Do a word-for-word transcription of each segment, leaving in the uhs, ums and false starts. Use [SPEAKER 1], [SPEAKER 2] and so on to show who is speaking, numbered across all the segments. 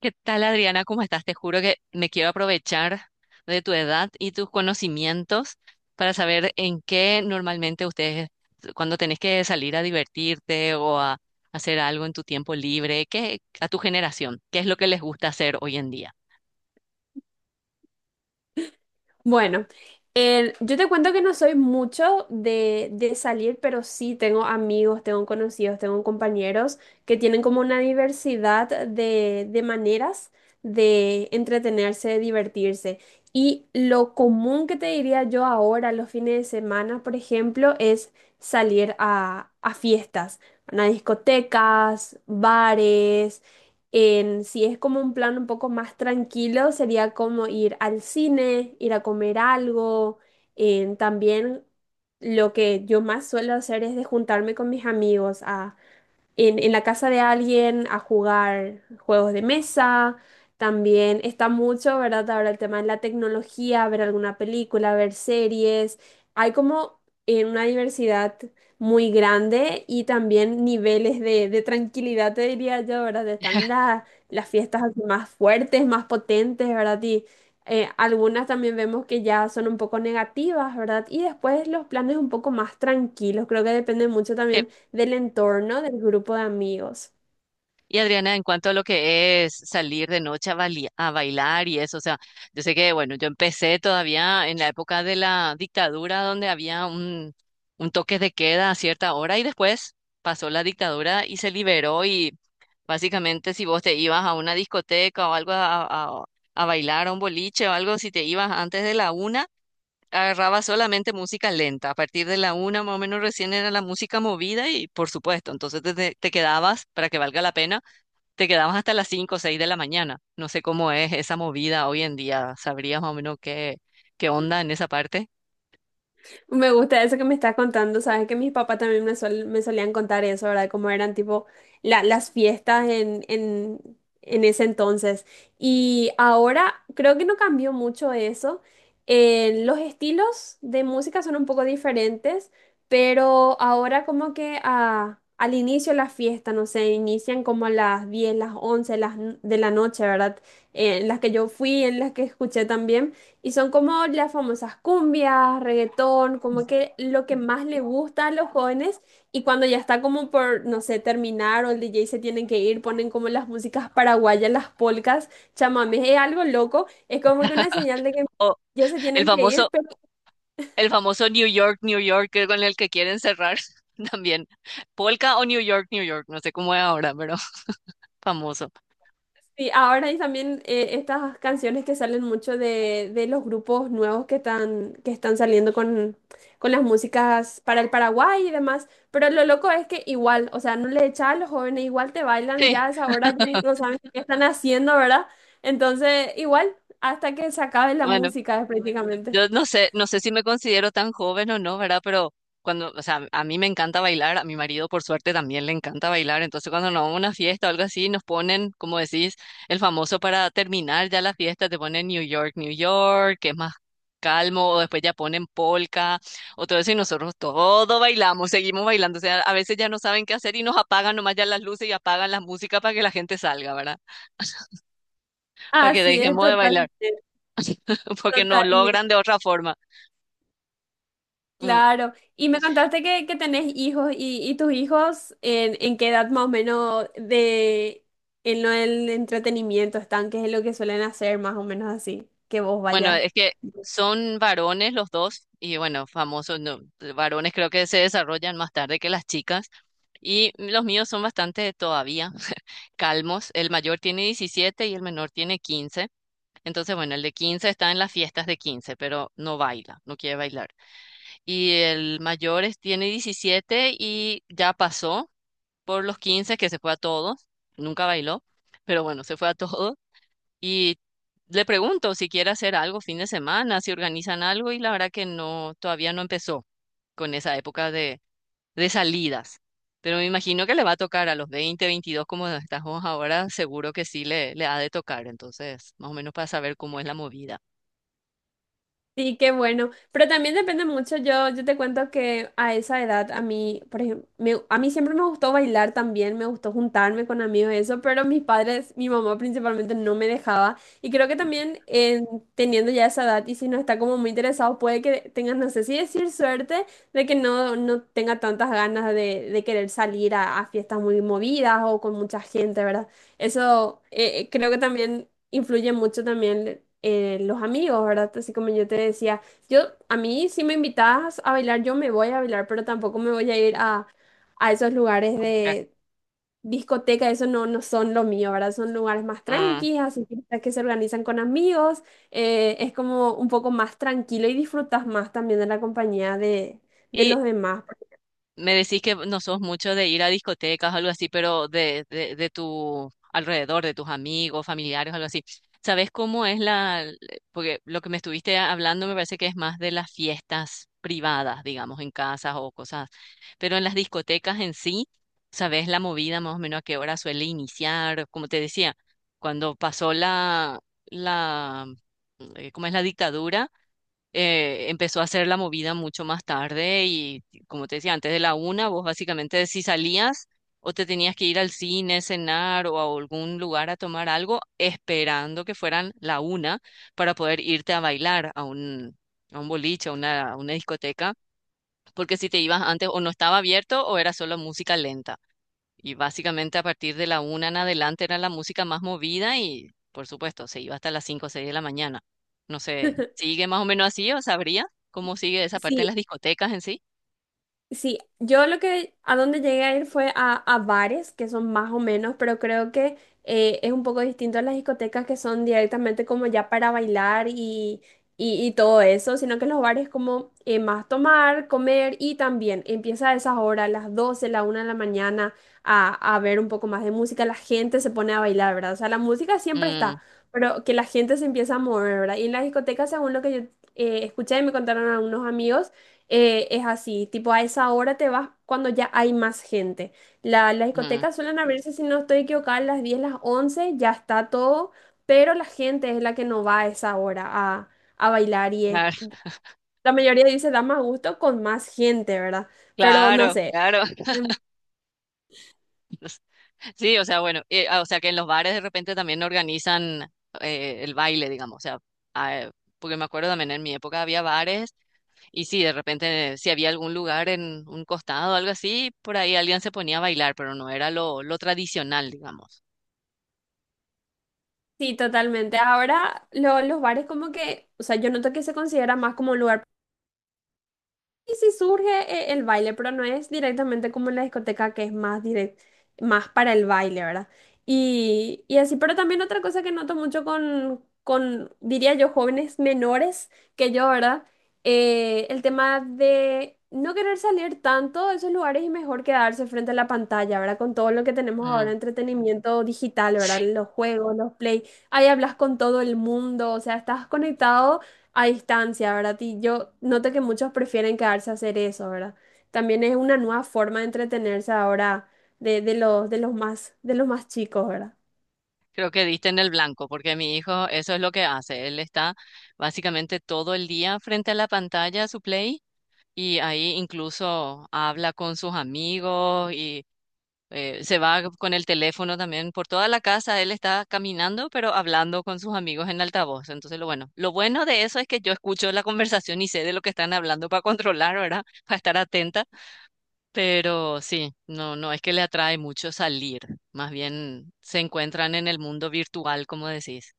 [SPEAKER 1] ¿Qué tal, Adriana? ¿Cómo estás? Te juro que me quiero aprovechar de tu edad y tus conocimientos para saber en qué normalmente ustedes, cuando tenés que salir a divertirte o a hacer algo en tu tiempo libre, qué, a tu generación, qué es lo que les gusta hacer hoy en día.
[SPEAKER 2] Bueno, el- yo te cuento que no soy mucho de, de salir, pero sí tengo amigos, tengo conocidos, tengo compañeros que tienen como una diversidad de, de maneras de entretenerse, de divertirse. Y lo común que te diría yo ahora, los fines de semana, por ejemplo, es salir a, a fiestas, a discotecas, bares. En, si es como un plan un poco más tranquilo, sería como ir al cine, ir a comer algo. En, también lo que yo más suelo hacer es de juntarme con mis amigos a en, en la casa de alguien a jugar juegos de mesa. También está mucho, ¿verdad? Ahora el tema de la tecnología, ver alguna película, ver series. Hay como eh, una diversidad muy grande y también niveles de, de tranquilidad, te diría yo, ¿verdad? Están la- las fiestas así más fuertes, más potentes, ¿verdad? Y eh, algunas también vemos que ya son un poco negativas, ¿verdad? Y después los planes un poco más tranquilos. Creo que depende mucho
[SPEAKER 1] Eh,
[SPEAKER 2] también del entorno, del grupo de amigos.
[SPEAKER 1] Y Adriana, en cuanto a lo que es salir de noche a, bali- a bailar y eso, o sea, yo sé que, bueno, yo empecé todavía en la época de la dictadura donde había un, un toque de queda a cierta hora y después pasó la dictadura y se liberó y básicamente si vos te ibas a una discoteca o algo a, a- a bailar, a un boliche o algo, si te ibas antes de la una, agarrabas solamente música lenta. A partir de la una más o menos recién era la música movida y por supuesto, entonces te te- te quedabas para que valga la pena te quedabas hasta las cinco o seis de la mañana. No sé cómo es esa movida hoy en día. ¿Sabrías más o menos qué, qué onda en esa parte?
[SPEAKER 2] Me gusta eso que me estás contando, sabes que mis papás también me, sol- me solían contar eso, ¿verdad? Cómo eran tipo la- las fiestas en, en, en ese entonces. Y ahora creo que no cambió mucho eso. Eh, los estilos de música son un poco diferentes, pero ahora como que ah, al inicio de la fiesta, no sé, inician como a las diez, las once, las, n- de la noche, ¿verdad? Eh, en las que yo fui, en las que escuché también. Y son como las famosas cumbias, reggaetón, como que lo que más le gusta a los jóvenes. Y cuando ya está como por, no sé, terminar o el D J se tienen que ir, ponen como las músicas paraguayas, las polcas, chamamé, es algo loco. Es como que una señal de que
[SPEAKER 1] O
[SPEAKER 2] ya se
[SPEAKER 1] el
[SPEAKER 2] tienen que ir.
[SPEAKER 1] famoso, el famoso New York, New York, que con el que quieren cerrar también. Polka o New York, New York. No sé cómo es ahora, pero famoso.
[SPEAKER 2] Sí, ahora y también eh, estas canciones que salen mucho de, de los grupos nuevos que están, que están saliendo con, con las músicas para el Paraguay y demás, pero lo loco es que igual, o sea, no le echa a los jóvenes, igual te bailan
[SPEAKER 1] Sí,
[SPEAKER 2] ya a esa hora, ya no saben qué están haciendo, ¿verdad? Entonces, igual, hasta que se acabe la
[SPEAKER 1] bueno.
[SPEAKER 2] música prácticamente.
[SPEAKER 1] Yo no sé, no sé si me considero tan joven o no, ¿verdad? Pero cuando, o sea, a mí me encanta bailar, a mi marido por suerte también le encanta bailar, entonces cuando nos vamos a una fiesta o algo así, nos ponen, como decís, el famoso para terminar ya la fiesta, te ponen New York, New York, que es más calmo, o después ya ponen polka, o todo eso, y nosotros todo bailamos, seguimos bailando, o sea, a veces ya no saben qué hacer y nos apagan nomás ya las luces y apagan la música para que la gente salga, ¿verdad? Para que
[SPEAKER 2] Así es,
[SPEAKER 1] dejemos de bailar,
[SPEAKER 2] totalmente,
[SPEAKER 1] porque no
[SPEAKER 2] totalmente.
[SPEAKER 1] logran de otra forma. Mm,
[SPEAKER 2] Claro, y me contaste que, que tenés hijos y, y tus hijos en, en qué edad más o menos de en lo del entretenimiento están, qué es lo que suelen hacer más o menos así, que vos
[SPEAKER 1] Bueno,
[SPEAKER 2] vayas.
[SPEAKER 1] es que son varones los dos y bueno, famosos, no, varones creo que se desarrollan más tarde que las chicas y los míos son bastante todavía calmos. El mayor tiene diecisiete y el menor tiene quince. Entonces, bueno, el de quince está en las fiestas de quince, pero no baila, no quiere bailar. Y el mayor es- tiene diecisiete y ya pasó por los quince que se fue a todos, nunca bailó, pero bueno, se fue a todos. Y le pregunto si quiere hacer algo fin de semana, si organizan algo, y la verdad que no, todavía no empezó con esa época de, de salidas. Pero me imagino que le va a tocar a los veinte veintidós como estamos ahora, seguro que sí le, le ha de tocar. Entonces, más o menos para saber cómo es la movida.
[SPEAKER 2] Sí, qué bueno. Pero también depende mucho. Yo, yo te cuento que a esa edad, a mí, por ejemplo, a mí siempre me gustó bailar también, me gustó juntarme con amigos y eso, pero mis padres, mi mamá principalmente no me dejaba. Y creo que también en- teniendo ya esa edad y si no está como muy interesado, puede que tengas, no sé si decir suerte, de que no, no tenga tantas ganas de, de querer salir a, a fiestas muy movidas o con mucha gente, ¿verdad? Eso eh, eh, creo que también influye mucho también eh, los amigos, ¿verdad? Así como yo te decía, yo a mí si me invitas a bailar, yo me voy a bailar, pero tampoco me voy a ir a, a esos lugares
[SPEAKER 1] A buscar.
[SPEAKER 2] de discoteca, eso no, no son lo mío, ¿verdad? Son lugares más
[SPEAKER 1] Ah,
[SPEAKER 2] tranquilos, así fiestas que se organizan con amigos, eh, es como un poco más tranquilo y disfrutas más también de la compañía de, de
[SPEAKER 1] y
[SPEAKER 2] los demás.
[SPEAKER 1] me decís que no sos mucho de ir a discotecas o algo así, pero de, de, de tu alrededor, de tus amigos, familiares, algo así. ¿Sabes cómo es la...? Porque lo que me estuviste hablando me parece que es más de las fiestas privadas, digamos, en casas o cosas. Pero en las discotecas en sí, ¿sabes la movida más o menos a qué hora suele iniciar? Como te decía, cuando pasó la... la eh, ¿cómo es la dictadura? Eh, empezó a hacer la movida mucho más tarde y como te decía, antes de la una, vos básicamente si salías o te tenías que ir al cine, cenar o a algún lugar a tomar algo, esperando que fueran la una para poder irte a bailar a un, a un boliche, a una, a una discoteca, porque si te ibas antes o no estaba abierto o era solo música lenta. Y básicamente a partir de la una en adelante era la música más movida y, por supuesto, se iba hasta las cinco o seis de la mañana. No sé, ¿sigue más o menos así o sabría cómo sigue esa parte en
[SPEAKER 2] Sí,
[SPEAKER 1] las discotecas en sí?
[SPEAKER 2] sí, yo lo que a donde llegué a ir fue a, a bares, que son más o menos, pero creo que eh, es un poco distinto a las discotecas que son directamente como ya para bailar y, y, y todo eso, sino que los bares como eh, más tomar, comer y también empieza a esas horas, las doce, la una de la mañana, a, a ver un poco más de música, la gente se pone a bailar, ¿verdad? O sea, la música siempre está,
[SPEAKER 1] Mm,
[SPEAKER 2] pero que la gente se empieza a mover, ¿verdad? Y en las discotecas, según lo que yo eh, escuché y me contaron algunos amigos, eh, es así, tipo a esa hora te vas cuando ya hay más gente. La- las
[SPEAKER 1] mm,
[SPEAKER 2] discotecas suelen abrirse, si no estoy equivocada, a las diez las once ya está todo, pero la gente es la que no va a esa hora a, a bailar y es-
[SPEAKER 1] claro.
[SPEAKER 2] la mayoría dice da más gusto con más gente, ¿verdad? Pero no
[SPEAKER 1] Claro,
[SPEAKER 2] sé.
[SPEAKER 1] claro.
[SPEAKER 2] em,
[SPEAKER 1] Sí, o sea, bueno, eh, ah, o sea que en los bares de repente también organizan eh, el baile, digamos, o sea, ah, porque me acuerdo también en mi época había bares. Y sí, de repente, si había algún lugar en un costado o algo así, por ahí alguien se ponía a bailar, pero no era lo, lo tradicional, digamos.
[SPEAKER 2] Sí, totalmente. Ahora lo- los bares como que, o sea, yo noto que se considera más como un lugar. Y sí surge eh, el baile, pero no es directamente como en la discoteca que es más direct, más para el baile, ¿verdad? Y, y así, pero también otra cosa que noto mucho con, con, diría yo, jóvenes menores que yo, ¿verdad? Eh, el tema de no querer salir tanto de esos lugares y mejor quedarse frente a la pantalla, ¿verdad? Con todo lo que tenemos ahora,
[SPEAKER 1] Mm,
[SPEAKER 2] entretenimiento digital,
[SPEAKER 1] sí.
[SPEAKER 2] ¿verdad? Los juegos, los play, ahí hablas con todo el mundo, o sea, estás conectado a distancia, ¿verdad? Y yo noto que muchos prefieren quedarse a hacer eso, ¿verdad? También es una nueva forma de entretenerse ahora de, de los, de los más, de los más chicos, ¿verdad?
[SPEAKER 1] Creo que diste en el blanco, porque mi hijo eso es lo que hace. Él está básicamente todo el día frente a la pantalla, su play, y ahí incluso habla con sus amigos y eh, se va con el teléfono también por toda la casa, él está caminando, pero hablando con sus amigos en altavoz. Entonces, lo bueno, lo bueno de eso es que yo escucho la conversación y sé de lo que están hablando para controlar, ¿verdad? Para estar atenta, pero sí, no, no es que le atrae mucho salir, más bien se encuentran en el mundo virtual, como decís.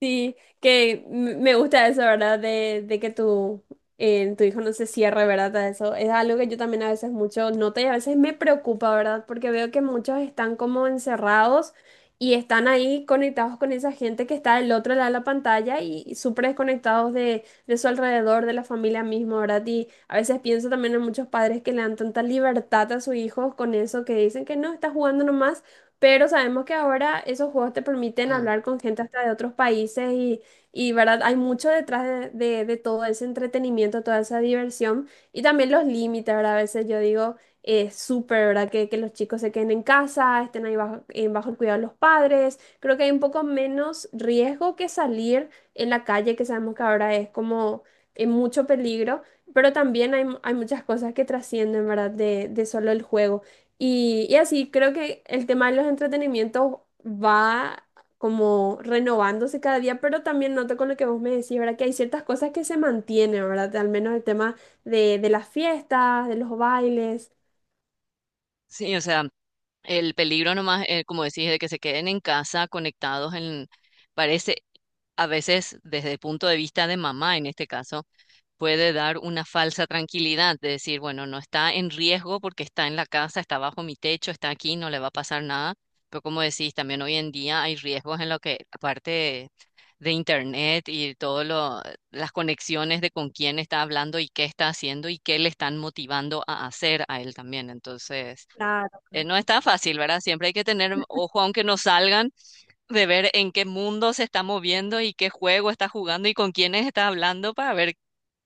[SPEAKER 2] Sí, que m- me gusta eso, ¿verdad? De, de que tu, eh, tu hijo no se cierre, ¿verdad? A eso es algo que yo también a veces mucho noto y a veces me preocupa, ¿verdad? Porque veo que muchos están como encerrados y están ahí conectados con esa gente que está del otro lado de la pantalla y, y súper desconectados de, de su alrededor, de la familia misma, ¿verdad? Y a veces pienso también en muchos padres que le dan tanta libertad a sus hijos con eso, que dicen que no, está jugando nomás, pero sabemos que ahora esos juegos te permiten
[SPEAKER 1] Mm.
[SPEAKER 2] hablar con gente hasta de otros países y, y ¿verdad? Hay mucho detrás de, de- de todo ese entretenimiento, toda esa diversión y también los límites, ¿verdad? A veces yo digo, es súper, ¿verdad? Que, que los chicos se queden en casa, estén ahí bajo, en bajo el cuidado de los padres. Creo que hay un poco menos riesgo que salir en la calle, que sabemos que ahora es como en mucho peligro, pero también hay, hay muchas cosas que trascienden, ¿verdad? De, de solo el juego. Y, y así creo que el tema de los entretenimientos va como renovándose cada día, pero también noto con lo que vos me decís, ¿verdad? Que hay ciertas cosas que se mantienen, ¿verdad? Al menos el tema de, de las fiestas, de los bailes.
[SPEAKER 1] Sí, o sea, el peligro nomás, eh, como decís, de que se queden en casa conectados en, parece a veces desde el punto de vista de mamá en este caso puede dar una falsa tranquilidad de decir, bueno, no está en riesgo porque está en la casa, está bajo mi techo, está aquí, no le va a pasar nada. Pero como decís, también hoy en día hay riesgos en lo que, aparte de, de internet y todas las conexiones de con quién está hablando y qué está haciendo y qué le están motivando a hacer a él también. Entonces,
[SPEAKER 2] Claro,
[SPEAKER 1] eh,
[SPEAKER 2] claro.
[SPEAKER 1] no está fácil, ¿verdad? Siempre hay que tener ojo, aunque no salgan, de ver en qué mundo se está moviendo y qué juego está jugando y con quiénes está hablando para ver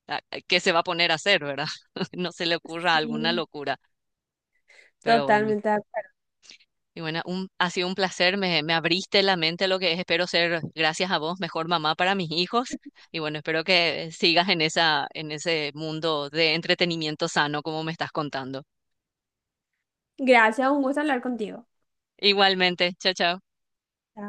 [SPEAKER 1] a- a- ¿qué se va a poner a hacer, verdad? No se le ocurra alguna
[SPEAKER 2] Sí,
[SPEAKER 1] locura, pero bueno.
[SPEAKER 2] totalmente. De acuerdo.
[SPEAKER 1] Y bueno, un- ha sido un placer, me, me abriste la mente a lo que es, espero ser, gracias a vos, mejor mamá para mis hijos. Y bueno, espero que sigas en esa, en ese mundo de entretenimiento sano como me estás contando.
[SPEAKER 2] Gracias, un gusto hablar contigo.
[SPEAKER 1] Igualmente, chao, chao.